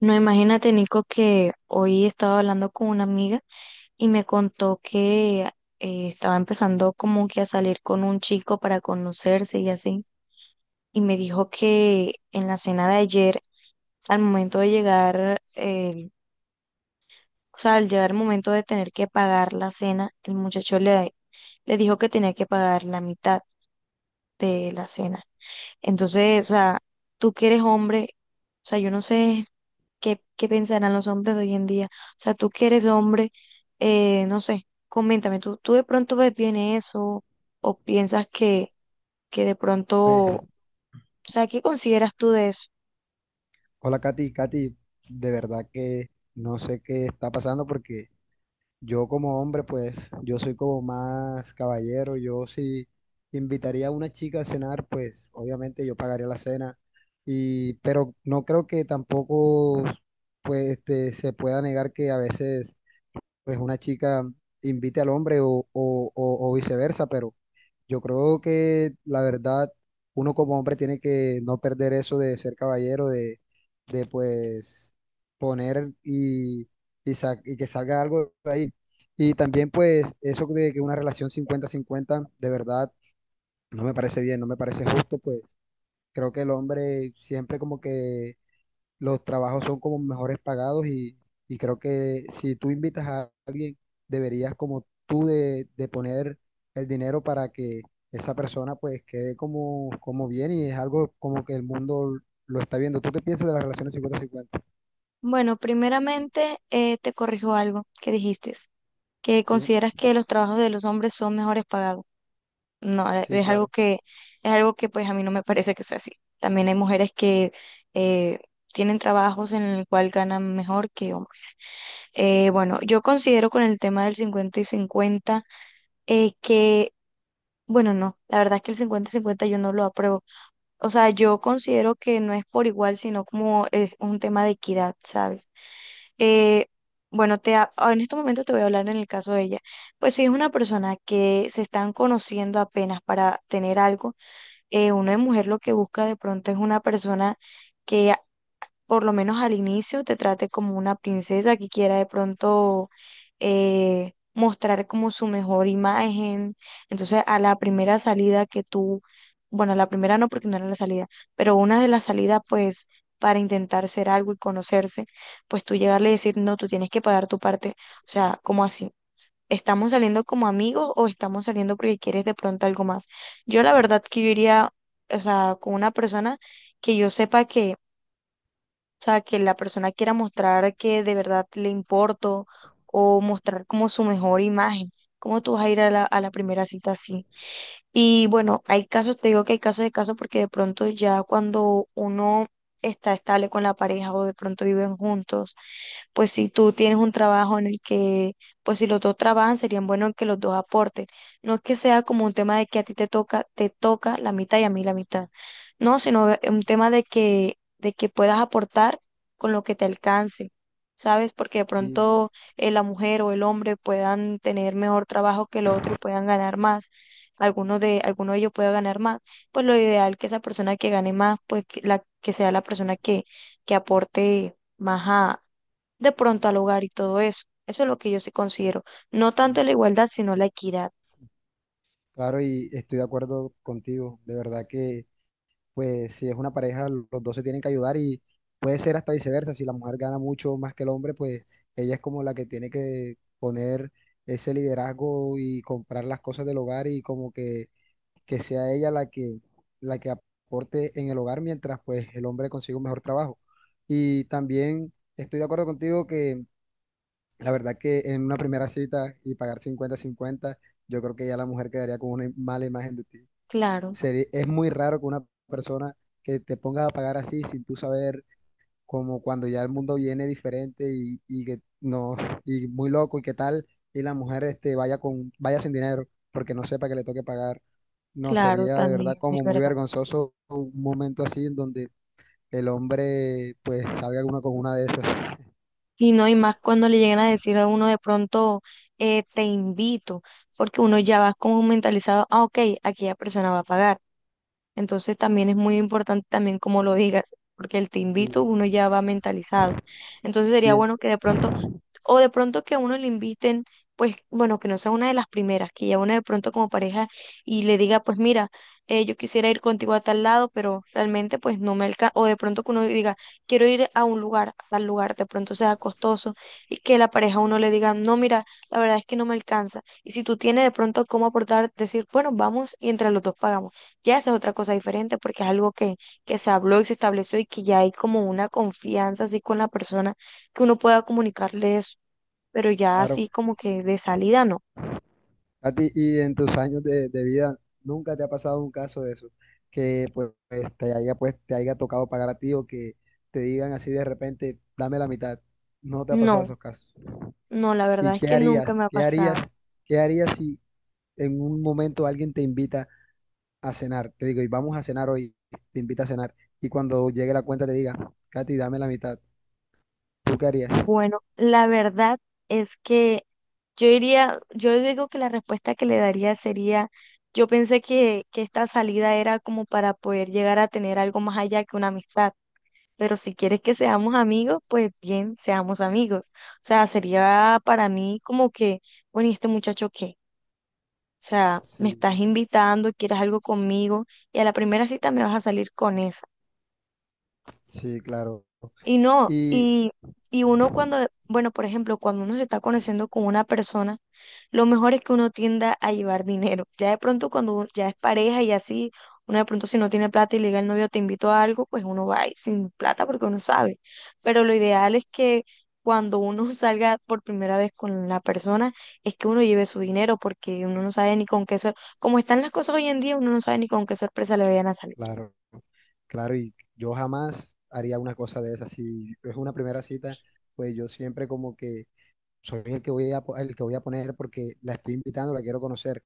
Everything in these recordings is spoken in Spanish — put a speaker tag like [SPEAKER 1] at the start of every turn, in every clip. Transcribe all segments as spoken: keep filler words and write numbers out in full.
[SPEAKER 1] No, imagínate, Nico, que hoy estaba hablando con una amiga y me contó que eh, estaba empezando como que a salir con un chico para conocerse y así. Y me dijo que en la cena de ayer, al momento de llegar, eh, o sea, al llegar el momento de tener que pagar la cena, el muchacho le, le dijo que tenía que pagar la mitad de la cena. Entonces, o sea, tú que eres hombre, o sea, yo no sé. ¿Qué, qué pensarán los hombres de hoy en día? O sea, tú que eres hombre, eh, no sé, coméntame, ¿tú, tú de pronto ves bien eso o piensas que, que de pronto,
[SPEAKER 2] Pues,
[SPEAKER 1] o sea, qué consideras tú de eso?
[SPEAKER 2] hola Katy, Katy, de verdad que no sé qué está pasando porque yo como hombre, pues yo soy como más caballero, yo si invitaría a una chica a cenar, pues obviamente yo pagaría la cena, y, pero no creo que tampoco pues este, se pueda negar que a veces pues una chica invite al hombre o, o, o- o viceversa, pero yo creo que la verdad uno como hombre tiene que no perder eso de ser caballero, de, de pues poner y, y, sa- y que salga algo de ahí. Y también pues eso de que una relación cincuenta cincuenta de verdad no me parece bien, no me parece justo, pues creo que el hombre siempre como que los trabajos son como mejores pagados y, y creo que si tú invitas a alguien, deberías como tú de, de poner el dinero para que esa persona pues quede como, como bien y es algo como que el mundo lo está viendo. ¿Tú qué piensas de las relaciones cincuenta cincuenta?
[SPEAKER 1] Bueno, primeramente eh, te corrijo algo que dijiste, que
[SPEAKER 2] Sí,
[SPEAKER 1] consideras que los trabajos de los hombres son mejores pagados. No, eh,
[SPEAKER 2] sí,
[SPEAKER 1] es algo
[SPEAKER 2] claro,
[SPEAKER 1] que, es algo que pues a mí no me parece que sea así. También hay mujeres que eh, tienen trabajos en el cual ganan mejor que hombres. Eh, bueno, yo considero con el tema del cincuenta y cincuenta eh, que, bueno, no, la verdad es que el cincuenta y cincuenta yo no lo apruebo. O sea, yo considero que no es por igual, sino como es un tema de equidad, ¿sabes? Eh, bueno, te, ha- en este momento te voy a hablar en el caso de ella. Pues si es una persona que se están conociendo apenas para tener algo, eh, uno de mujer lo que busca de pronto es una persona que por lo menos al inicio, te trate como una princesa que quiera de pronto eh, mostrar como su mejor imagen. Entonces, a la primera salida que tú, bueno, a la primera no porque no era la salida, pero una de las salidas, pues, para intentar ser algo y conocerse, pues tú llegarle y decir, no, tú tienes que pagar tu parte. O sea, como así. ¿Estamos saliendo como amigos o estamos saliendo porque quieres de pronto algo más? Yo la verdad que yo iría, o sea, con una persona que yo sepa que o sea, que la persona quiera mostrar que de verdad le importo o mostrar como su mejor imagen. ¿Cómo tú vas a ir a la, a la primera cita así? Y bueno, hay casos, te digo que hay casos de casos porque de pronto ya cuando uno está estable con la pareja o de pronto viven juntos, pues si tú tienes un trabajo en el que, pues si los dos trabajan, serían buenos que los dos aporten. No es que sea como un tema de que a ti te toca, te toca la mitad y a mí la mitad. No, sino es un tema de que, de que puedas aportar con lo que te alcance. ¿Sabes? Porque de
[SPEAKER 2] sí,
[SPEAKER 1] pronto eh, la mujer o el hombre puedan tener mejor trabajo que el otro y puedan ganar más, alguno de, alguno de ellos pueda ganar más, pues lo ideal que esa persona que gane más, pues que, la, que sea la persona que, que aporte más a, de pronto al hogar y todo eso. Eso es lo que yo sí considero. No tanto
[SPEAKER 2] sí,
[SPEAKER 1] la igualdad, sino la equidad.
[SPEAKER 2] claro, y estoy de acuerdo contigo. De verdad que pues si es una pareja, los dos se tienen que ayudar y puede ser hasta viceversa, si la mujer gana mucho más que el hombre, pues ella es como la que tiene que poner ese liderazgo y comprar las cosas del hogar y como que, que sea ella la que, la que aporte en el hogar mientras pues el hombre consigue un mejor trabajo. Y también estoy de acuerdo contigo que la verdad que en una primera cita y pagar cincuenta cincuenta yo creo que ya la mujer quedaría con una im- mala imagen de ti.
[SPEAKER 1] Claro,
[SPEAKER 2] Seri- es muy raro que una persona que te ponga a pagar así sin tú saber, como cuando ya el mundo viene diferente y, y que no, y muy loco y qué tal, y la mujer este, vaya con, vaya sin dinero porque no sepa que le toque pagar. No,
[SPEAKER 1] claro,
[SPEAKER 2] sería de verdad
[SPEAKER 1] también es
[SPEAKER 2] como muy
[SPEAKER 1] verdad.
[SPEAKER 2] vergonzoso un momento así en donde el hombre pues salga una con una de esas.
[SPEAKER 1] Y no, y más cuando le llegan a decir a uno de pronto, eh, te invito, porque uno ya va como mentalizado, ah, ok, aquella persona va a pagar. Entonces también es muy importante también como lo digas, porque el te invito
[SPEAKER 2] Y,
[SPEAKER 1] uno ya va mentalizado. Entonces sería
[SPEAKER 2] y,
[SPEAKER 1] bueno que de pronto, o de pronto que a uno le inviten, pues bueno, que no sea una de las primeras, que ya uno de pronto como pareja y le diga, pues mira, eh, yo quisiera ir contigo a tal lado, pero realmente pues no me alcanza, o de pronto que uno diga, quiero ir a un lugar, a tal lugar, de pronto sea costoso, y que la pareja a uno le diga, no, mira, la verdad es que no me alcanza. Y si tú tienes de pronto cómo aportar, decir, bueno, vamos y entre los dos pagamos. Ya esa es otra cosa diferente porque es algo que, que se habló y se estableció y que ya hay como una confianza así con la persona que uno pueda comunicarle eso, pero ya
[SPEAKER 2] claro.
[SPEAKER 1] así como que de salida no.
[SPEAKER 2] A ti, y en tus años de, de vida, ¿nunca te ha pasado un caso de eso? Que pues, pues, te haya, pues te haya tocado pagar a ti o que te digan así de repente, dame la mitad. No te ha pasado
[SPEAKER 1] No,
[SPEAKER 2] esos casos.
[SPEAKER 1] no, la
[SPEAKER 2] ¿Y
[SPEAKER 1] verdad es
[SPEAKER 2] qué
[SPEAKER 1] que nunca me
[SPEAKER 2] harías?
[SPEAKER 1] ha
[SPEAKER 2] ¿Qué harías?
[SPEAKER 1] pasado.
[SPEAKER 2] ¿Qué harías si en un momento alguien te invita a cenar? Te digo, y vamos a cenar hoy, te invita a cenar. Y cuando llegue la cuenta te diga, Katy, dame la mitad. ¿Tú qué harías?
[SPEAKER 1] Bueno, la verdad es que yo diría, yo digo que la respuesta que le daría sería, yo pensé que, que esta salida era como para poder llegar a tener algo más allá que una amistad. Pero si quieres que seamos amigos, pues bien, seamos amigos. O sea, sería para mí como que, bueno, ¿y este muchacho qué? O sea, me
[SPEAKER 2] Sí,
[SPEAKER 1] estás invitando, quieres algo conmigo y a la primera cita me vas a salir con eso.
[SPEAKER 2] sí, claro,
[SPEAKER 1] Y no,
[SPEAKER 2] y
[SPEAKER 1] y, y uno cuando, bueno, por ejemplo, cuando uno se está conociendo con una persona, lo mejor es que uno tienda a llevar dinero. Ya de pronto cuando u- ya es pareja y así, uno de pronto si no tiene plata y le diga al novio te invito a algo, pues uno va ahí sin plata porque uno sabe. Pero lo ideal es que cuando uno salga por primera vez con la persona, es que uno lleve su dinero porque uno no sabe ni con qué, sor- como están las cosas hoy en día, uno no sabe ni con qué sorpresa le vayan a salir.
[SPEAKER 2] claro. Claro, y yo jamás haría una cosa de esas. Si es una primera cita, pues yo siempre como que soy el que voy a, po- el que voy a poner porque la estoy invitando, la quiero conocer.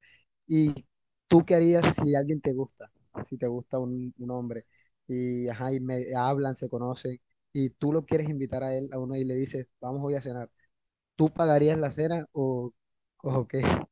[SPEAKER 2] ¿Y tú qué harías si alguien te gusta? Si te gusta un, un hombre y, ajá, y me hablan, se conocen y tú lo quieres invitar a él, a uno y le dices, vamos hoy a cenar. ¿Tú pagarías la cena o, o qué?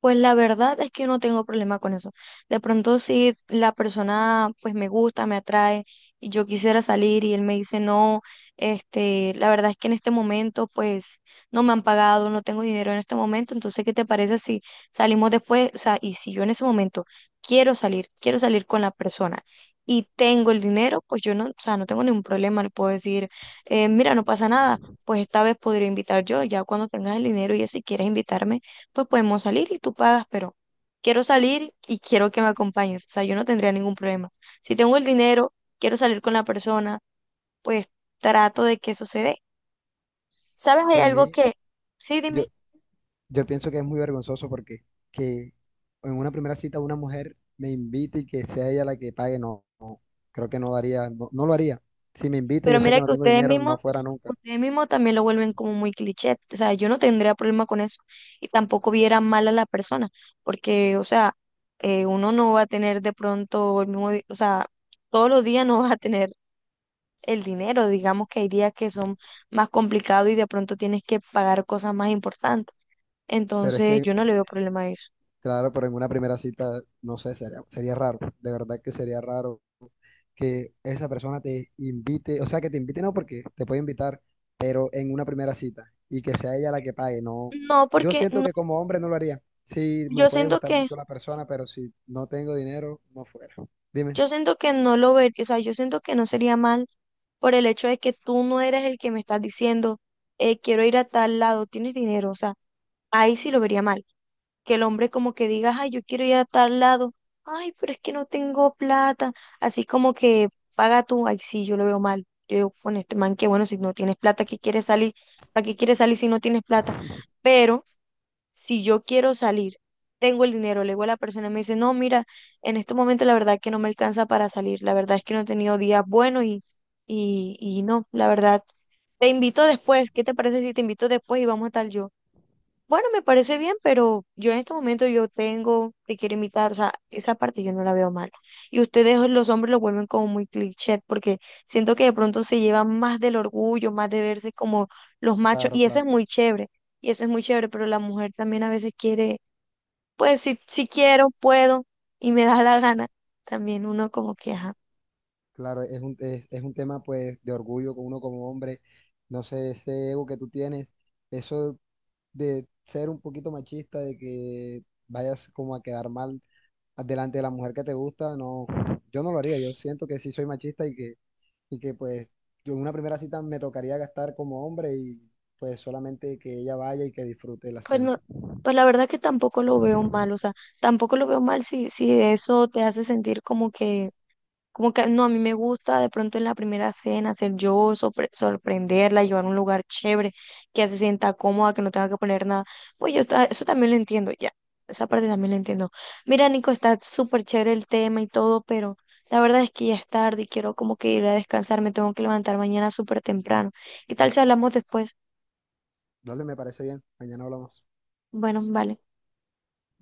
[SPEAKER 1] Pues la verdad es que yo no tengo problema con eso. De pronto si la persona pues me gusta, me atrae y yo quisiera salir y él me dice no, este, la verdad es que en este momento pues no me han pagado, no tengo dinero en este momento, entonces ¿qué te parece si salimos después? O sea, y si yo en ese momento quiero salir, quiero salir con la persona y tengo el dinero, pues yo no, o sea, no tengo ningún problema, le puedo decir, eh, mira, no pasa nada. Pues esta vez podría invitar yo, ya cuando tengas el dinero y eso, si quieres invitarme pues podemos salir y tú pagas, pero quiero salir y quiero que me acompañes. O sea, yo no tendría ningún problema. Si tengo el dinero, quiero salir con la persona, pues trato de que eso se dé. ¿Sabes? Hay
[SPEAKER 2] Para
[SPEAKER 1] algo
[SPEAKER 2] mí,
[SPEAKER 1] que, sí,
[SPEAKER 2] yo,
[SPEAKER 1] dime,
[SPEAKER 2] Yo pienso que es muy vergonzoso porque que en una primera cita una mujer me invite y que sea ella la que pague, no, no, creo que no daría, no, no lo haría. Si me invita,
[SPEAKER 1] pero
[SPEAKER 2] yo sé que
[SPEAKER 1] mira
[SPEAKER 2] no
[SPEAKER 1] que
[SPEAKER 2] tengo
[SPEAKER 1] ustedes
[SPEAKER 2] dinero,
[SPEAKER 1] mismos,
[SPEAKER 2] no fuera nunca.
[SPEAKER 1] ustedes mismos también lo vuelven como muy cliché. O sea, yo no tendría problema con eso y tampoco viera mal a la persona, porque, o sea, eh, uno no va a tener de pronto el mismo, di- o sea, todos los días no va a tener el dinero. Digamos que hay días que son más complicados y de pronto tienes que pagar cosas más importantes.
[SPEAKER 2] Pero es
[SPEAKER 1] Entonces, yo no
[SPEAKER 2] que
[SPEAKER 1] le veo problema a eso.
[SPEAKER 2] Claro, pero en una primera cita, no sé, sería, sería raro, de verdad que sería raro que esa persona te invite, o sea, que te invite no porque te puede invitar, pero en una primera cita y que sea ella la que pague, no.
[SPEAKER 1] No,
[SPEAKER 2] Yo
[SPEAKER 1] porque
[SPEAKER 2] siento
[SPEAKER 1] no,
[SPEAKER 2] que como hombre no lo haría. Sí, me
[SPEAKER 1] yo
[SPEAKER 2] puede
[SPEAKER 1] siento
[SPEAKER 2] gustar
[SPEAKER 1] que,
[SPEAKER 2] mucho la persona, pero si no tengo dinero, no fuera. Dime.
[SPEAKER 1] yo siento que no lo vería, o sea, yo siento que no sería mal por el hecho de que tú no eres el que me estás diciendo, eh, quiero ir a tal lado, tienes dinero, o sea, ahí sí lo vería mal. Que el hombre como que diga, ay, yo quiero ir a tal lado, ay, pero es que no tengo plata, así como que paga tú, ay, sí, yo lo veo mal. Yo digo, con este man, que bueno, si no tienes plata, ¿qué quieres salir? ¿Para qué quieres salir si no tienes plata? Pero si yo quiero salir, tengo el dinero, le digo a la persona y me dice, no, mira, en este momento la verdad es que no me alcanza para salir, la verdad es que no he tenido días buenos y, y, y no, la verdad, te invito después, ¿qué te parece si te invito después y vamos a tal yo? Bueno, me parece bien, pero yo en este momento yo tengo, te quiero invitar, o sea, esa parte yo no la veo mal. Y ustedes, los hombres, lo vuelven como muy cliché, porque siento que de pronto se llevan más del orgullo, más de verse como los machos,
[SPEAKER 2] Claro,
[SPEAKER 1] y eso es
[SPEAKER 2] claro,
[SPEAKER 1] muy chévere, y eso es muy chévere, pero la mujer también a veces quiere, pues si, si quiero, puedo, y me da la gana, también uno como que, ajá,
[SPEAKER 2] claro, es un, es, es un tema pues de orgullo con uno como hombre, no sé, ese ego que tú tienes, eso de ser un poquito machista, de que vayas como a quedar mal delante de la mujer que te gusta, no, yo no lo haría, yo siento que sí soy machista y que, y que pues yo en una primera cita me tocaría gastar como hombre y pues solamente que ella vaya y que disfrute la
[SPEAKER 1] pues
[SPEAKER 2] cena.
[SPEAKER 1] no, pues la verdad que tampoco lo veo mal, o sea, tampoco lo veo mal si, si eso te hace sentir como que. Como que no, a mí me gusta de pronto en la primera cena ser yo, sorpre- sorprenderla, llevar a un lugar chévere, que ella se sienta cómoda, que no tenga que poner nada. Pues yo ta- eso también lo entiendo, ya. Esa parte también la entiendo. Mira, Nico, está súper chévere el tema y todo, pero la verdad es que ya es tarde y quiero como que ir a descansar. Me tengo que levantar mañana súper temprano. ¿Qué tal si hablamos después?
[SPEAKER 2] Dale, me parece bien, mañana hablamos.
[SPEAKER 1] Bueno, vale.